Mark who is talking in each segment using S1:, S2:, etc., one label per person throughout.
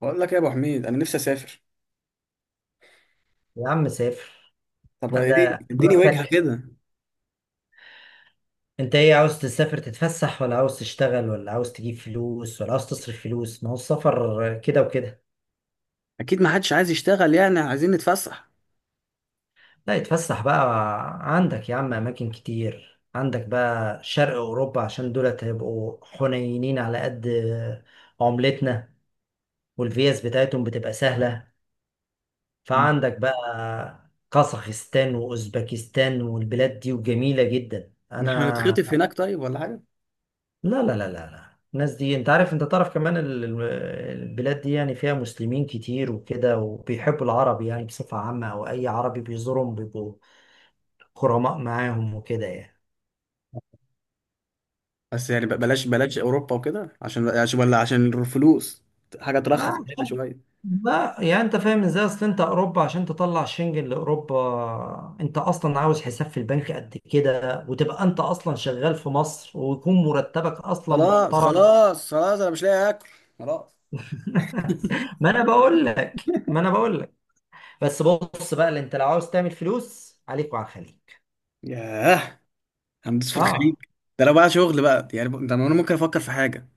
S1: بقول لك يا ابو حميد، انا نفسي اسافر.
S2: يا عم سافر.
S1: طب
S2: حد؟
S1: ايه، اديني وجهه
S2: حضرتك،
S1: كده.
S2: انت ايه عاوز تسافر تتفسح، ولا عاوز تشتغل، ولا عاوز تجيب فلوس، ولا عاوز تصرف فلوس؟ ما هو السفر كده وكده.
S1: اكيد ما حدش عايز يشتغل، يعني عايزين نتفسح.
S2: لا يتفسح بقى، عندك يا عم اماكن كتير، عندك بقى شرق اوروبا عشان دولت هيبقوا حنينين على قد عملتنا، والفيز بتاعتهم بتبقى سهلة.
S1: مم.
S2: فعندك بقى قزاخستان واوزبكستان والبلاد دي، وجميلة جدا
S1: مش هنتخطف
S2: انا.
S1: هناك طيب ولا حاجه؟
S2: لا لا لا لا لا، الناس دي انت عارف، انت تعرف كمان البلاد دي يعني فيها مسلمين كتير وكده، وبيحبوا العرب يعني بصفة عامة، او اي عربي بيزورهم بيبقوا غرماء معاهم وكده يعني.
S1: بس يعني بلاش بلاش اوروبا وكده، عشان ولا عشان الفلوس، حاجه ترخص
S2: آه،
S1: هنا شويه.
S2: لا يعني انت فاهم ازاي، اصل انت اوروبا عشان تطلع شنجن لاوروبا انت اصلا عاوز حساب في البنك قد كده، وتبقى انت اصلا شغال في مصر ويكون مرتبك اصلا
S1: خلاص
S2: محترم.
S1: خلاص خلاص، انا مش لاقي اكل، خلاص.
S2: ما انا بقول لك ما انا بقول لك. بس بص بقى، اللي انت لو عاوز تعمل فلوس عليك وعلى الخليج.
S1: ياه، هندوس في الخليج.
S2: اه.
S1: ده لو بقى شغل بقى يعني، ده انا ممكن افكر في حاجه،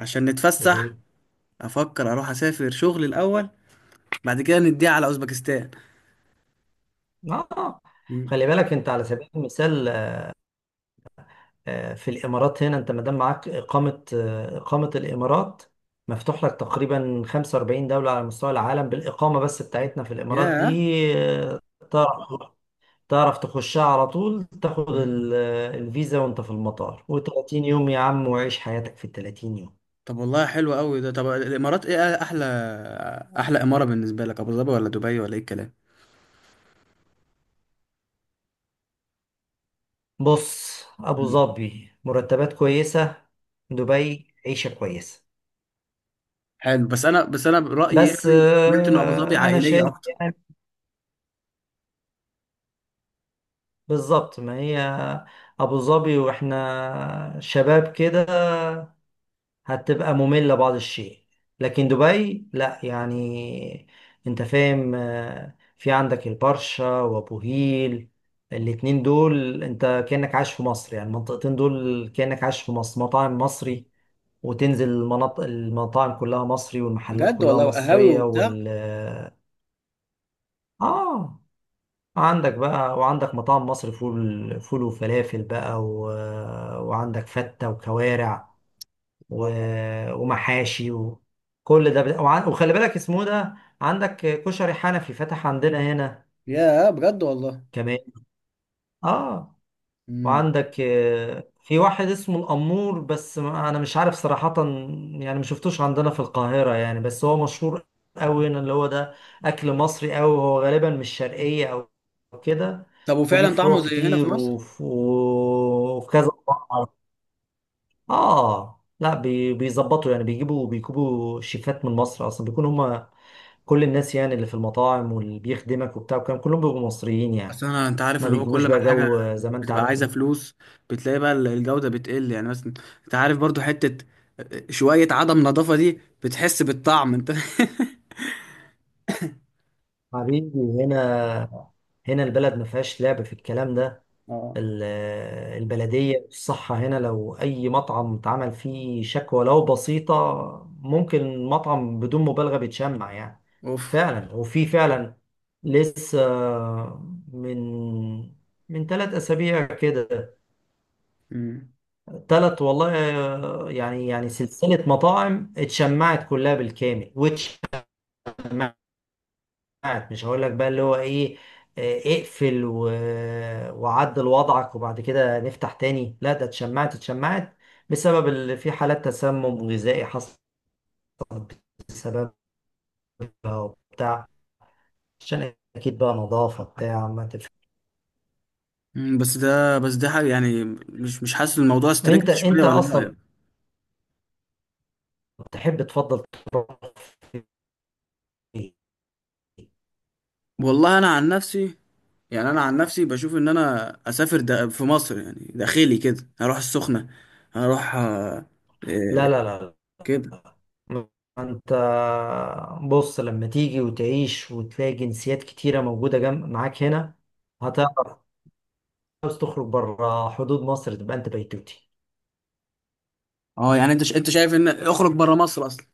S1: عشان نتفسح.
S2: ايه.
S1: افكر اروح اسافر شغل الاول، بعد كده نديها على اوزبكستان.
S2: اه.
S1: مم.
S2: خلي بالك انت على سبيل المثال، في الامارات هنا انت ما دام معاك اقامه، اقامه الامارات مفتوح لك تقريبا 45 دوله على مستوى العالم، بالاقامه بس بتاعتنا في الامارات
S1: ياه.
S2: دي. تعرف تعرف تخشها على طول، تاخد الفيزا وانت في المطار، و30 يوم يا عم، وعيش حياتك في ال 30 يوم.
S1: طب والله حلو قوي ده. طب الامارات ايه احلى؟ احلى اماره بالنسبه لك ابو ظبي ولا دبي، ولا ايه الكلام؟
S2: بص، أبو
S1: مم.
S2: ظبي مرتبات كويسة، دبي عيشة كويسة.
S1: حلو. بس انا برايي
S2: بس
S1: يعني، سمعت ان ابو ظبي
S2: أنا
S1: عائليه
S2: شايف
S1: اكتر.
S2: يعني. بالظبط، ما هي أبو ظبي وإحنا شباب كده هتبقى مملة بعض الشيء، لكن دبي لأ يعني. أنت فاهم، في عندك البرشا وأبو هيل، الاتنين دول أنت كأنك عايش في مصر، يعني المنطقتين دول كأنك عايش في مصر، مطاعم مصري، وتنزل المناطق المطاعم كلها مصري، والمحلات
S1: بجد
S2: كلها
S1: والله؟ قهاوي
S2: مصرية
S1: وبتاع؟
S2: وال... آه، عندك بقى، وعندك مطاعم مصر، فول فول وفلافل بقى و... وعندك فتة وكوارع و...
S1: الله.
S2: ومحاشي، وكل ده وخلي بالك اسمه ده. عندك كشري حنفي فتح عندنا هنا
S1: يا، بجد والله.
S2: كمان. اه.
S1: مم.
S2: وعندك في واحد اسمه الأمور، بس أنا مش عارف صراحة يعني، ما شفتوش عندنا في القاهرة يعني، بس هو مشهور أوي هنا، اللي هو ده أكل مصري أوي، هو غالبا مش شرقية أو كده.
S1: طب
S2: وليه
S1: وفعلا طعمه
S2: فروع
S1: زي هنا في
S2: كتير،
S1: مصر؟
S2: وفي كذا فرع. آه لا، بيظبطوا يعني، بيجيبوا شيفات من مصر، أصلا بيكون هما كل الناس يعني اللي في المطاعم واللي بيخدمك وبتاع، وكان كلهم بيبقوا مصريين
S1: بس
S2: يعني.
S1: انا، انت عارف،
S2: ما
S1: اللي هو
S2: بيجيبوش
S1: كل ما
S2: بقى
S1: الحاجه
S2: جو، زي ما أنت
S1: بتبقى
S2: عارف.
S1: عايزه فلوس، بتلاقي بقى الجوده بتقل يعني. مثلا، انت عارف برضو، حته شويه عدم نظافه دي بتحس بالطعم انت.
S2: حبيبي، هنا البلد ما فيهاش لعب في الكلام ده.
S1: اه.
S2: ال- البلدية الصحة هنا، لو أي مطعم اتعمل فيه شكوى لو بسيطة، ممكن المطعم بدون مبالغة بيتشمع يعني.
S1: اوف.
S2: فعلا، وفي فعلا لسه من من 3 أسابيع كده،
S1: مم.
S2: ثلاث والله، يعني يعني سلسلة مطاعم اتشمعت كلها بالكامل، واتشمعت ساعات مش هقول لك بقى اللي هو ايه، اقفل و... وعدل وضعك وبعد كده نفتح تاني، لا ده اتشمعت اتشمعت بسبب اللي في حالات تسمم غذائي حصلت بسببها وبتاع، عشان اكيد بقى نظافة بتاع ما تف...
S1: بس ده حاجة يعني. مش حاسس الموضوع ستريكت
S2: انت
S1: شوية،
S2: انت
S1: ولا ايه
S2: اصلا
S1: رأيك؟
S2: تحب تفضل تروح في إيه؟
S1: والله انا عن نفسي، يعني انا عن نفسي بشوف ان انا اسافر ده في مصر، يعني داخلي كده، هروح السخنة، هروح آه،
S2: لا
S1: إيه،
S2: لا لا
S1: كده.
S2: لا. انت بص، لما تيجي وتعيش وتلاقي جنسيات كتيرة موجودة جنب معاك هنا هتعرف، عاوز تخرج بره حدود مصر تبقى انت بيتوتي.
S1: اه، يعني انت انت شايف ان اخرج بره مصر اصلا؟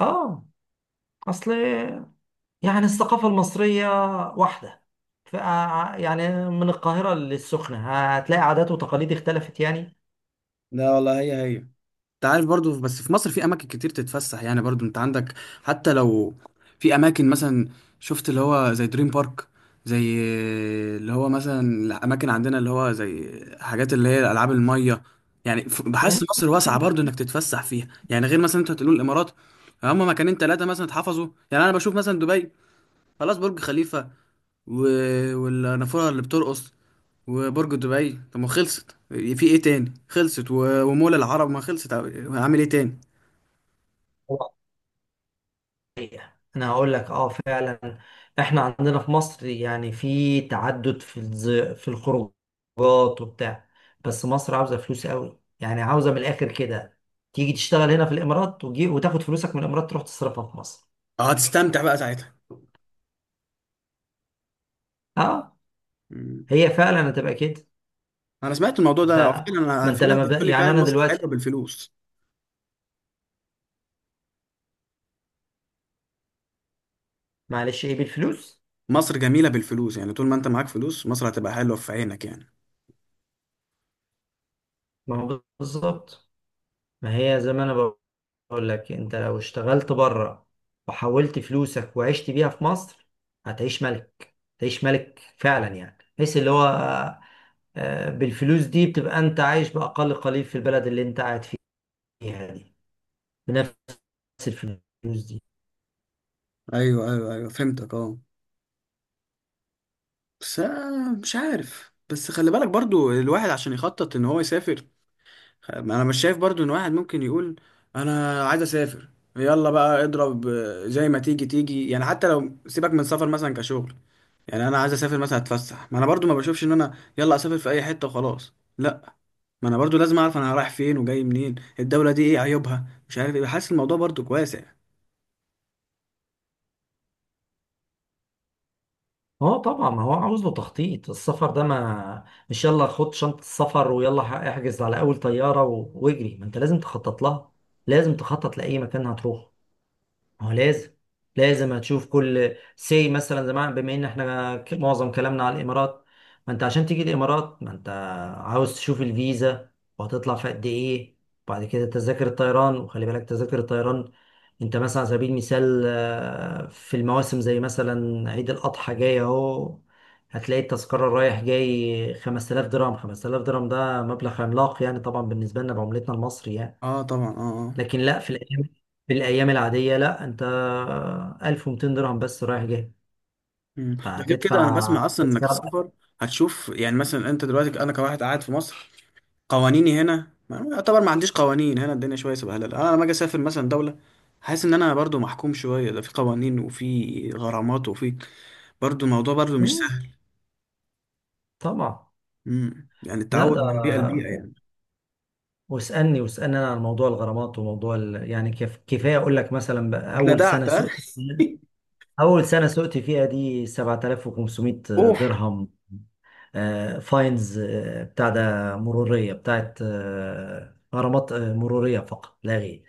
S2: اه، اصل يعني الثقافة المصرية واحدة، ف يعني من القاهرة للسخنة هتلاقي عادات وتقاليد اختلفت يعني.
S1: لا والله، هي هي. انت عارف برضو، بس في مصر في اماكن كتير تتفسح يعني، برضو انت عندك. حتى لو في اماكن مثلا، شفت اللي هو زي دريم بارك، زي اللي هو مثلا الاماكن عندنا اللي هو زي حاجات اللي هي العاب الميه يعني. بحس مصر واسعه برضو
S2: مم.
S1: انك تتفسح فيها يعني، غير مثلا انت هتقول الامارات هم مكانين ثلاثه مثلا اتحفظوا. يعني انا بشوف مثلا دبي، خلاص، برج خليفه، و والنافورة اللي بترقص، وبرج دبي. طب ما خلصت، في ايه تاني خلصت، و ومول العرب، ما خلصت هعمل ايه تاني؟
S2: انا هقول لك اه فعلا، احنا عندنا في مصر يعني في تعدد في في الخروجات وبتاع، بس مصر عاوزة فلوس قوي يعني، عاوزة من الاخر كده تيجي تشتغل هنا في الامارات، وتاخد فلوسك من الامارات تروح تصرفها في مصر.
S1: هتستمتع بقى ساعتها.
S2: اه،
S1: مم.
S2: هي فعلا هتبقى كده.
S1: انا سمعت الموضوع ده
S2: انت
S1: فعلا،
S2: ما
S1: انا
S2: انت
S1: في ناس
S2: لما
S1: بتقول لي
S2: يعني
S1: فعلا
S2: انا
S1: مصر
S2: دلوقتي
S1: حلوه بالفلوس.
S2: معلش ايه بالفلوس،
S1: مصر جميله بالفلوس، يعني طول ما انت معاك فلوس مصر هتبقى حلوه في عينك يعني.
S2: ما هو بالظبط. ما هي زي ما انا بقول لك، انت لو اشتغلت بره وحولت فلوسك وعشت بيها في مصر هتعيش ملك، تعيش ملك فعلا يعني، بحيث اللي هو بالفلوس دي بتبقى انت عايش باقل قليل في البلد اللي انت قاعد فيها دي بنفس الفلوس دي.
S1: ايوه ايوه ايوه، فهمتك، اه. بس مش عارف، بس خلي بالك برضو الواحد عشان يخطط ان هو يسافر. ما انا مش شايف برضو ان واحد ممكن يقول انا عايز اسافر، يلا بقى اضرب زي ما تيجي تيجي يعني، حتى لو سيبك من سفر مثلا كشغل. يعني انا عايز اسافر مثلا اتفسح، ما انا برضو ما بشوفش ان انا يلا اسافر في اي حتة وخلاص، لا. ما انا برضو لازم اعرف انا رايح فين وجاي منين، الدولة دي ايه عيوبها، مش عارف ايه. حاسس الموضوع برضو واسع.
S2: اه طبعا، ما هو عاوز له تخطيط، السفر ده ما مش يلا خد شنطة السفر ويلا احجز على اول طيارة و... واجري، ما انت لازم تخطط لها، لازم تخطط لأي مكان هتروح. ما هو لازم هتشوف كل سي، مثلا زمان بما ان احنا معظم كلامنا على الامارات، ما انت عشان تيجي الامارات ما انت عاوز تشوف الفيزا، وهتطلع في قد ايه، وبعد كده تذاكر الطيران، وخلي بالك تذاكر الطيران انت مثلا على سبيل المثال، في المواسم زي مثلا عيد الاضحى جاي اهو، هتلاقي التذكرة رايح جاي 5000 درهم، 5000 درهم ده مبلغ عملاق يعني طبعا بالنسبة لنا بعملتنا المصري يعني.
S1: اه طبعا، اه، اه.
S2: لكن لا، في الايام العاديه لا، انت 1200 درهم بس رايح جاي،
S1: مم. ده غير كده، انا
S2: فهتدفع
S1: بسمع اصلا انك
S2: تذكره.
S1: السفر هتشوف. يعني مثلا انت دلوقتي، انا كواحد قاعد في مصر قوانيني هنا يعتبر ما عنديش قوانين هنا، الدنيا شويه سبهلله. انا لما اجي اسافر مثلا دوله، حاسس ان انا برضو محكوم شويه، ده في قوانين وفي غرامات وفي، برضو الموضوع برضو مش
S2: مم،
S1: سهل.
S2: طبعا.
S1: يعني
S2: لا
S1: التعود
S2: ده
S1: من بيئه لبيئه يعني.
S2: واسالني واسالني انا عن موضوع الغرامات وموضوع يعني كيف، كفايه اقول لك مثلا بقى،
S1: اتلدعت، ها؟
S2: اول سنه سقت فيها دي 7500
S1: اوف.
S2: درهم فاينز، بتاع، ده مرورية بتاعت غرامات مرورية فقط لا غير،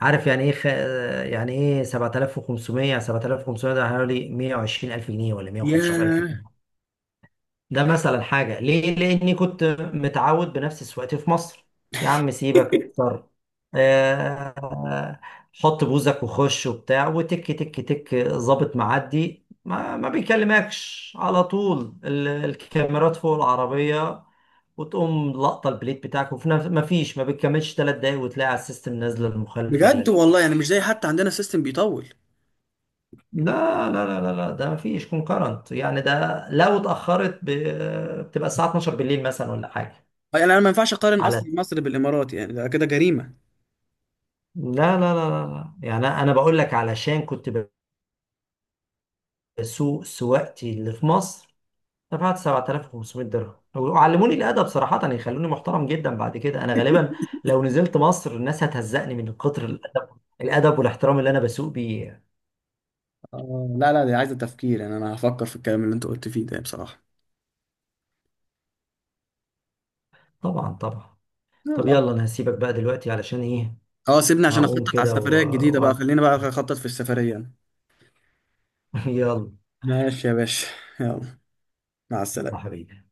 S2: عارف يعني ايه يعني ايه 7500، 7500 ده حوالي 120 الف جنيه ولا 115 الف
S1: يا
S2: جنيه. ده مثلا حاجة ليه؟ لأني كنت متعود بنفس سواقتي في مصر، يا عم سيبك اكتر، آه، حط بوزك وخش وبتاع وتك تك تك، ظابط معدي ما بيكلمكش، على طول الكاميرات فوق العربية وتقوم لقطة البليت بتاعك، وفي نفس ما فيش، ما بتكملش 3 دقايق وتلاقي على السيستم نازلة المخالفة
S1: بجد والله،
S2: ليك.
S1: يعني مش زي حتى عندنا، سيستم بيطول.
S2: لا لا لا لا لا، ده ما فيش كونكرنت يعني، ده لو اتأخرت بتبقى الساعة 12 بالليل مثلا ولا حاجة،
S1: يعني انا ما ينفعش اقارن
S2: على...
S1: اصلا مصر بالامارات، يعني ده كده جريمه.
S2: لا لا لا لا. لا. يعني انا بقول لك علشان كنت بسوق سواقتي اللي في مصر، دفعت 7500 درهم، وعلموني الادب صراحه، يخلوني محترم جدا بعد كده. انا غالبا لو نزلت مصر الناس هتهزقني من كتر الادب، الادب والاحترام اللي انا بسوق بيه.
S1: آه، لا لا، دي عايزه تفكير. يعني انا هفكر في الكلام اللي انت قلت فيه ده بصراحه.
S2: طبعا طبعا. طب
S1: يلا.
S2: يلا انا هسيبك بقى دلوقتي علشان ايه،
S1: اه، سيبني عشان
S2: هقوم
S1: اخطط على
S2: كده
S1: السفريه
S2: و...
S1: الجديده بقى،
S2: وأعمل-
S1: خلينا بقى اخطط في السفريه.
S2: يلا.
S1: ماشي يا باشا. يلا. مع
S2: يا
S1: السلامة.
S2: حبيبي.